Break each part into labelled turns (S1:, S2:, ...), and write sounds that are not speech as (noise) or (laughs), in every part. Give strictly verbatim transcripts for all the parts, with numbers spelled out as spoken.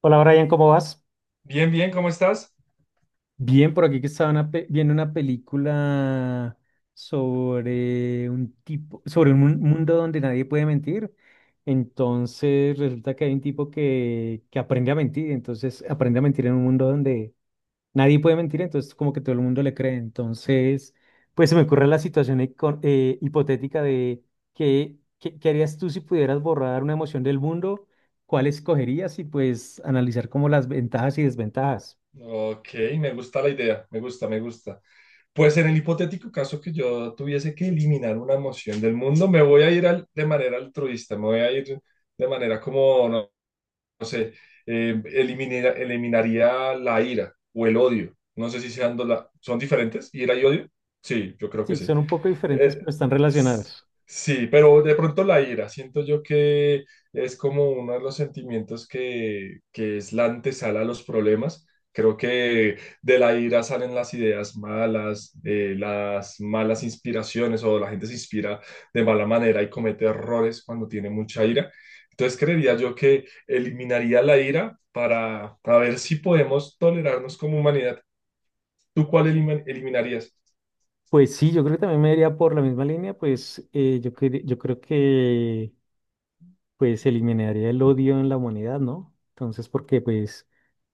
S1: Hola Brian, ¿cómo vas?
S2: Bien, bien, ¿cómo estás?
S1: Bien, por aquí que estaba una pe- viendo una película sobre un tipo, sobre un mun- mundo donde nadie puede mentir. Entonces resulta que hay un tipo que, que aprende a mentir, entonces aprende a mentir en un mundo donde nadie puede mentir, entonces como que todo el mundo le cree. Entonces, pues se me ocurre la situación hico- eh, hipotética de qué, qué, qué harías tú si pudieras borrar una emoción del mundo, cuál escogerías y pues analizar como las ventajas y desventajas.
S2: Ok, me gusta la idea, me gusta, me gusta. Pues en el hipotético caso que yo tuviese que eliminar una emoción del mundo, me voy a ir al- de manera altruista, me voy a ir de manera como, no, no sé, eh, elimina- eliminaría la ira o el odio. No sé si sean, do- la- son diferentes, ira y odio. Sí, yo creo que
S1: Sí,
S2: sí.
S1: son un poco diferentes,
S2: Eh,
S1: pero están
S2: s-
S1: relacionadas.
S2: sí, pero de pronto la ira, siento yo que es como uno de los sentimientos que, que es la antesala a los problemas. Creo que de la ira salen las ideas malas, eh, las malas inspiraciones o la gente se inspira de mala manera y comete errores cuando tiene mucha ira. Entonces creería yo que eliminaría la ira para, para ver si podemos tolerarnos como humanidad. ¿Tú cuál elimi- eliminarías?
S1: Pues sí, yo creo que también me iría por la misma línea, pues eh, yo, cre- yo creo que pues eliminaría el odio en la humanidad, ¿no? Entonces, porque pues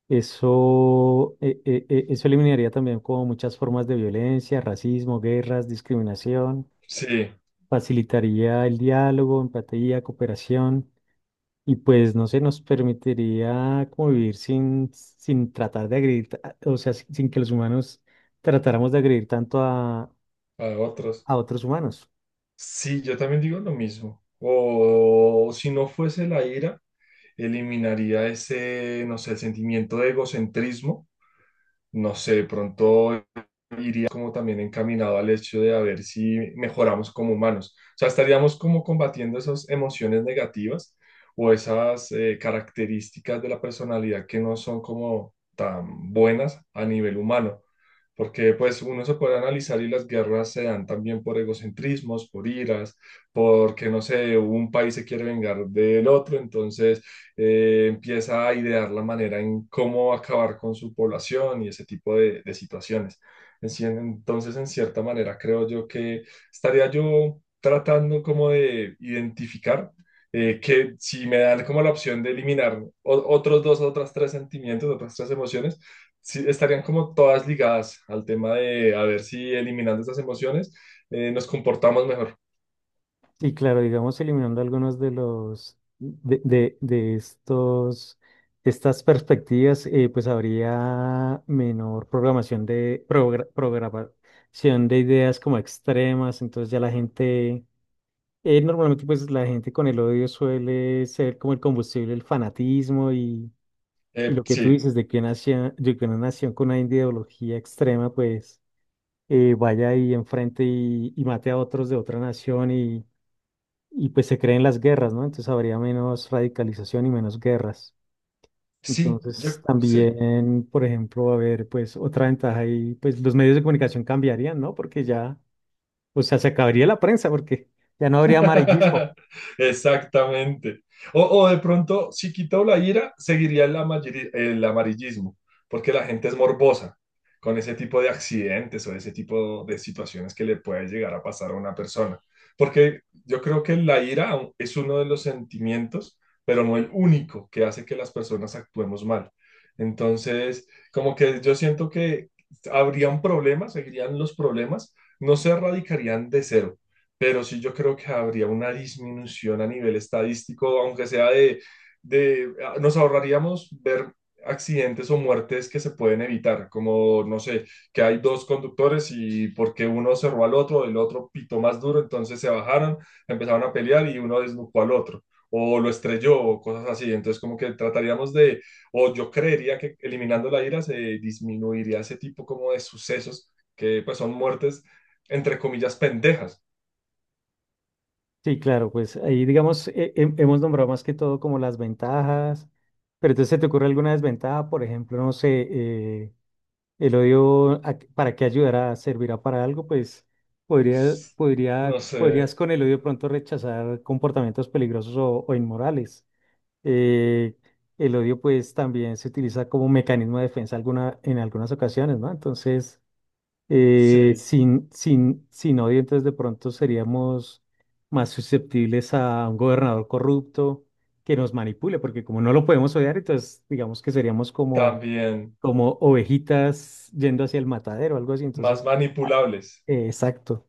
S1: eso, eh, eh, eh, eso eliminaría también como muchas formas de violencia, racismo, guerras, discriminación,
S2: Sí,
S1: facilitaría el diálogo, empatía, cooperación. Y pues no sé, nos permitiría como vivir sin, sin tratar de agredir, ta- o sea, sin, sin que los humanos tratáramos de agredir tanto a,
S2: a otros.
S1: a otros humanos.
S2: Sí, yo también digo lo mismo. O si no fuese la ira, eliminaría ese, no sé, el sentimiento de egocentrismo. No sé, de pronto iría como también encaminado al hecho de a ver si mejoramos como humanos. O sea, estaríamos como combatiendo esas emociones negativas o esas eh, características de la personalidad que no son como tan buenas a nivel humano. Porque pues uno se puede analizar y las guerras se dan también por egocentrismos, por iras, porque no sé, un país se quiere vengar del otro, entonces eh, empieza a idear la manera en cómo acabar con su población y ese tipo de de situaciones. En cien- Entonces, en cierta manera, creo yo que estaría yo tratando como de identificar eh, que si me dan como la opción de eliminar o- otros dos, otras tres sentimientos, otras tres emociones, sí, estarían como todas ligadas al tema de a ver si eliminando estas emociones eh, nos comportamos mejor.
S1: Y claro, digamos, eliminando algunos de los, de, de, de estos, de estas perspectivas, eh, pues habría menor programación de, progra- programación de ideas como extremas, entonces ya la gente... eh, normalmente pues la gente con el odio suele ser como el combustible, el fanatismo. Y
S2: Eh,
S1: lo que tú
S2: sí,
S1: dices de que, una nación de que una nación con una ideología extrema, pues eh, vaya ahí enfrente y, y mate a otros de otra nación y, y pues se creen las guerras, ¿no? Entonces habría menos radicalización y menos guerras.
S2: sí, yo
S1: Entonces
S2: sí.
S1: también, por ejemplo, va a haber pues otra ventaja y pues los medios de comunicación cambiarían, ¿no? Porque ya, o sea, se acabaría la prensa porque ya no habría amarillismo.
S2: (laughs) Exactamente. O, o de pronto, si quitó la ira, seguiría el, amari- el amarillismo, porque la gente es morbosa con ese tipo de accidentes o ese tipo de situaciones que le puede llegar a pasar a una persona. Porque yo creo que la ira aun- es uno de los sentimientos, pero no el único que hace que las personas actuemos mal. Entonces, como que yo siento que habrían problemas, seguirían los problemas, no se erradicarían de cero, pero sí yo creo que habría una disminución a nivel estadístico, aunque sea de, de, ah, nos ahorraríamos ver accidentes o muertes que se pueden evitar, como, no sé, que hay dos conductores y porque uno cerró al otro, el otro pitó más duro, entonces se bajaron, empezaron a pelear y uno desnucó al otro, o lo estrelló, o cosas así. Entonces, como que trataríamos de, o yo creería que eliminando la ira se disminuiría ese tipo como de sucesos que pues son muertes, entre comillas, pendejas.
S1: Sí, claro, pues ahí digamos, he- hem- hemos nombrado más que todo como las ventajas, pero entonces ¿se te ocurre alguna desventaja? Por ejemplo, no sé, eh, el odio, a- qué- ¿para qué ayudará? ¿Servirá para algo? Pues podría,
S2: No
S1: podría,
S2: sé,
S1: podrías con el odio de pronto rechazar comportamientos peligrosos o, o inmorales. Eh, el odio pues también se utiliza como mecanismo de defensa alguna, en algunas ocasiones, ¿no? Entonces... Eh,
S2: sí,
S1: sin, sin, sin odio, entonces de pronto seríamos más susceptibles a un gobernador corrupto que nos manipule, porque como no lo podemos odiar, entonces digamos que seríamos como,
S2: también
S1: como ovejitas yendo hacia el matadero, algo así.
S2: más
S1: Entonces,
S2: manipulables.
S1: eh, exacto.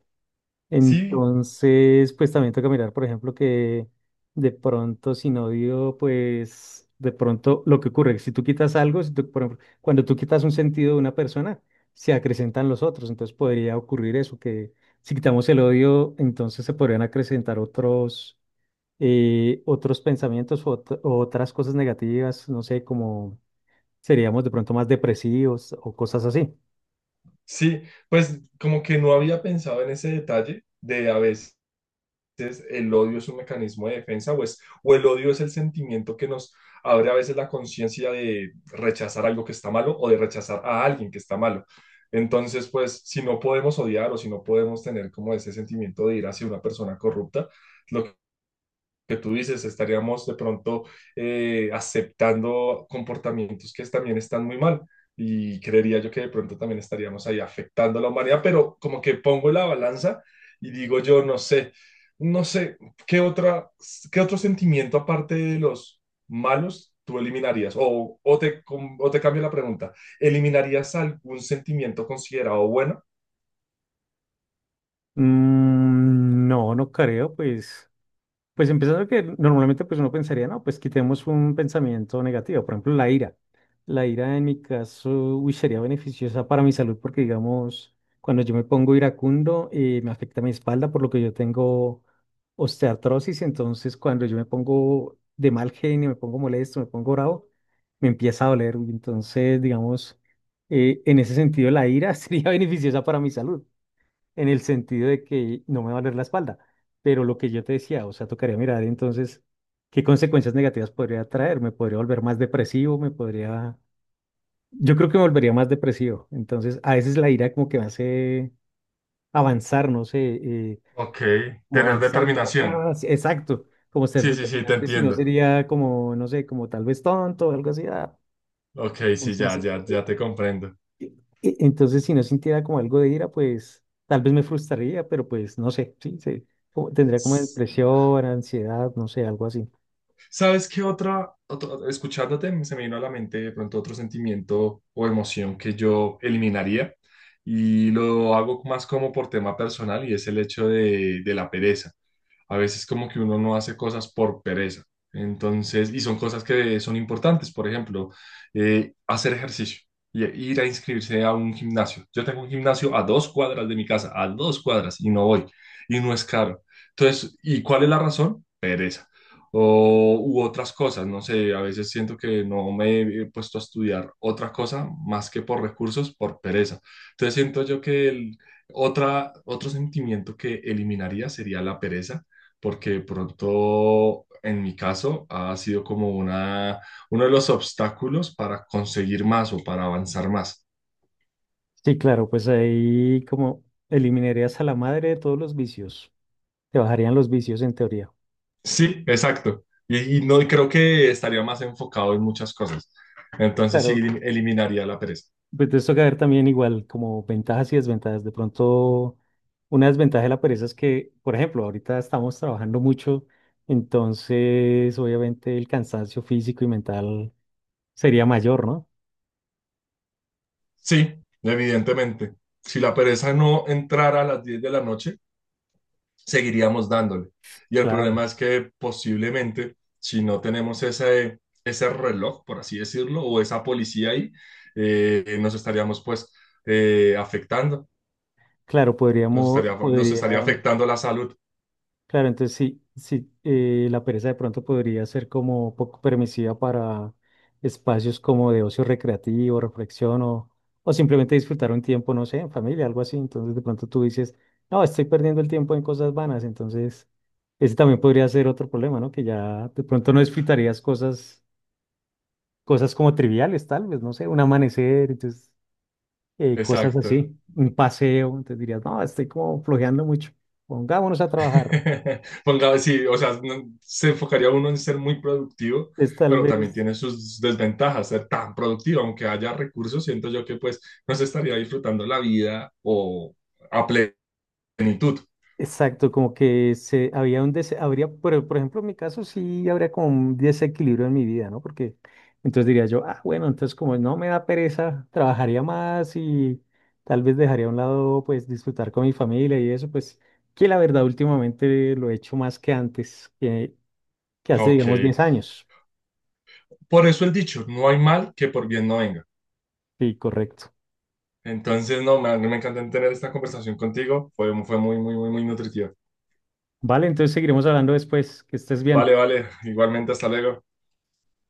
S2: Sí,
S1: Entonces, pues también toca mirar, por ejemplo, que de pronto sin odio, pues de pronto lo que ocurre, si tú quitas algo, si tú- por ejemplo, cuando tú quitas un sentido de una persona, se acrecentan los otros, entonces podría ocurrir eso, que si quitamos el odio, entonces se podrían acrecentar otros, eh, otros pensamientos o ot- o otras cosas negativas, no sé, como seríamos de pronto más depresivos o cosas así.
S2: sí, pues como que no había pensado en ese detalle de a veces el odio es un mecanismo de defensa, pues o el odio es el sentimiento que nos abre a veces la conciencia de rechazar algo que está malo o de rechazar a alguien que está malo. Entonces, pues si no podemos odiar o si no podemos tener como ese sentimiento de ir hacia una persona corrupta, lo que tú dices, estaríamos de pronto eh, aceptando comportamientos que también están muy mal. Y creería yo que de pronto también estaríamos ahí afectando a la humanidad, pero como que pongo la balanza y digo yo, no sé, no sé, ¿qué otra, qué otro sentimiento aparte de los malos tú eliminarías? O, o te, com- o te cambio la pregunta, ¿eliminarías algún sentimiento considerado bueno?
S1: Mm, no, no creo, pues. Pues empezando que normalmente pues uno pensaría, no, pues quitemos un pensamiento negativo, por ejemplo, la ira. La ira en mi caso, uy, sería beneficiosa para mi salud porque digamos, cuando yo me pongo iracundo, eh, me afecta mi espalda por lo que yo tengo osteoartrosis, entonces cuando yo me pongo de mal genio, me pongo molesto, me pongo bravo, me empieza a doler, uy, entonces digamos, eh, en ese sentido la ira (laughs) sería beneficiosa para mi salud en el sentido de que no me va a doler la espalda. Pero lo que yo te decía, o sea, tocaría mirar entonces qué consecuencias negativas podría traer. Me podría volver más depresivo, me podría... Yo creo que me volvería más depresivo. Entonces, a veces la ira como que me hace avanzar, no sé, eh,
S2: Ok,
S1: como
S2: tener
S1: avanzar, como...
S2: determinación.
S1: "Ah", sí, exacto, como ser
S2: Sí, sí, sí, te
S1: determinante, si no
S2: entiendo.
S1: sería como, no sé, como tal vez tonto o algo así, ah.
S2: Ok, sí, ya,
S1: Entonces,
S2: ya,
S1: eh,
S2: ya te comprendo.
S1: E- e- entonces, si no sintiera como algo de ira, pues tal vez me frustraría, pero pues no sé, sí, sí, como- tendría como
S2: ¿Sabes
S1: depresión, ansiedad, no sé, algo así.
S2: qué otra, otro- escuchándote, se me vino a la mente de pronto otro sentimiento o emoción que yo eliminaría y lo hago más como por tema personal y es el hecho de, de la pereza. A veces como que uno no hace cosas por pereza. Entonces, y son cosas que son importantes, por ejemplo, eh, hacer ejercicio y ir a inscribirse a un gimnasio. Yo tengo un gimnasio a dos cuadras de mi casa, a dos cuadras, y no voy, y no es caro. Entonces, ¿y cuál es la razón? Pereza o, u otras cosas, no sé, a veces siento que no me he puesto a estudiar otra cosa más que por recursos, por pereza. Entonces siento yo que el, otra, otro sentimiento que eliminaría sería la pereza, porque de pronto en mi caso ha sido como una, uno de los obstáculos para conseguir más o para avanzar más.
S1: Sí, claro, pues ahí como eliminarías a la madre de todos los vicios, te bajarían los vicios en teoría.
S2: Sí, exacto. Y, y no, y creo que estaría más enfocado en muchas cosas. Entonces sí,
S1: Claro.
S2: eliminaría la pereza.
S1: Pues te toca ver también igual como ventajas y desventajas. De pronto, una desventaja de la pereza es que, por ejemplo, ahorita estamos trabajando mucho, entonces obviamente el cansancio físico y mental sería mayor, ¿no?
S2: Sí, evidentemente. Si la pereza no entrara a las diez de la noche, seguiríamos dándole. Y el
S1: Claro.
S2: problema es que posiblemente, si no tenemos ese, ese reloj, por así decirlo, o esa policía ahí, eh, nos estaríamos pues eh, afectando,
S1: Claro,
S2: nos
S1: podríamos,
S2: estaría, nos estaría
S1: podría,
S2: afectando la salud.
S1: claro, entonces sí, sí, eh, la pereza de pronto podría ser como poco permisiva para espacios como de ocio recreativo, reflexión o, o simplemente disfrutar un tiempo, no sé, en familia, algo así. Entonces de pronto tú dices, no, estoy perdiendo el tiempo en cosas vanas. Entonces ese también podría ser otro problema, ¿no? Que ya de pronto no disfrutarías cosas, cosas como triviales, tal vez, no sé, un amanecer, entonces eh, cosas
S2: Exacto.
S1: así, un paseo, entonces dirías, no, estoy como flojeando mucho, pongámonos a trabajar.
S2: (laughs) Ponga, sí, o sea, no- se enfocaría uno en ser muy productivo,
S1: Es tal
S2: pero también
S1: vez,
S2: tiene sus desventajas ser tan productivo, aunque haya recursos, siento yo que pues no se estaría disfrutando la vida o a plenitud.
S1: exacto, como que se, había un dese- habría, por, por ejemplo, en mi caso sí habría como un desequilibrio en mi vida, ¿no? Porque entonces diría yo, ah, bueno, entonces como no me da pereza, trabajaría más y tal vez dejaría a un lado, pues, disfrutar con mi familia y eso, pues, que la verdad últimamente lo he hecho más que antes, que, que hace,
S2: Ok,
S1: digamos, diez años.
S2: por eso el dicho, no hay mal que por bien no venga.
S1: Sí, correcto.
S2: Entonces, no, me, me encantó tener esta conversación contigo, fue, fue muy, muy, muy, muy nutritiva.
S1: Vale, entonces seguiremos hablando después. Que estés
S2: Vale,
S1: bien.
S2: vale, igualmente, hasta luego.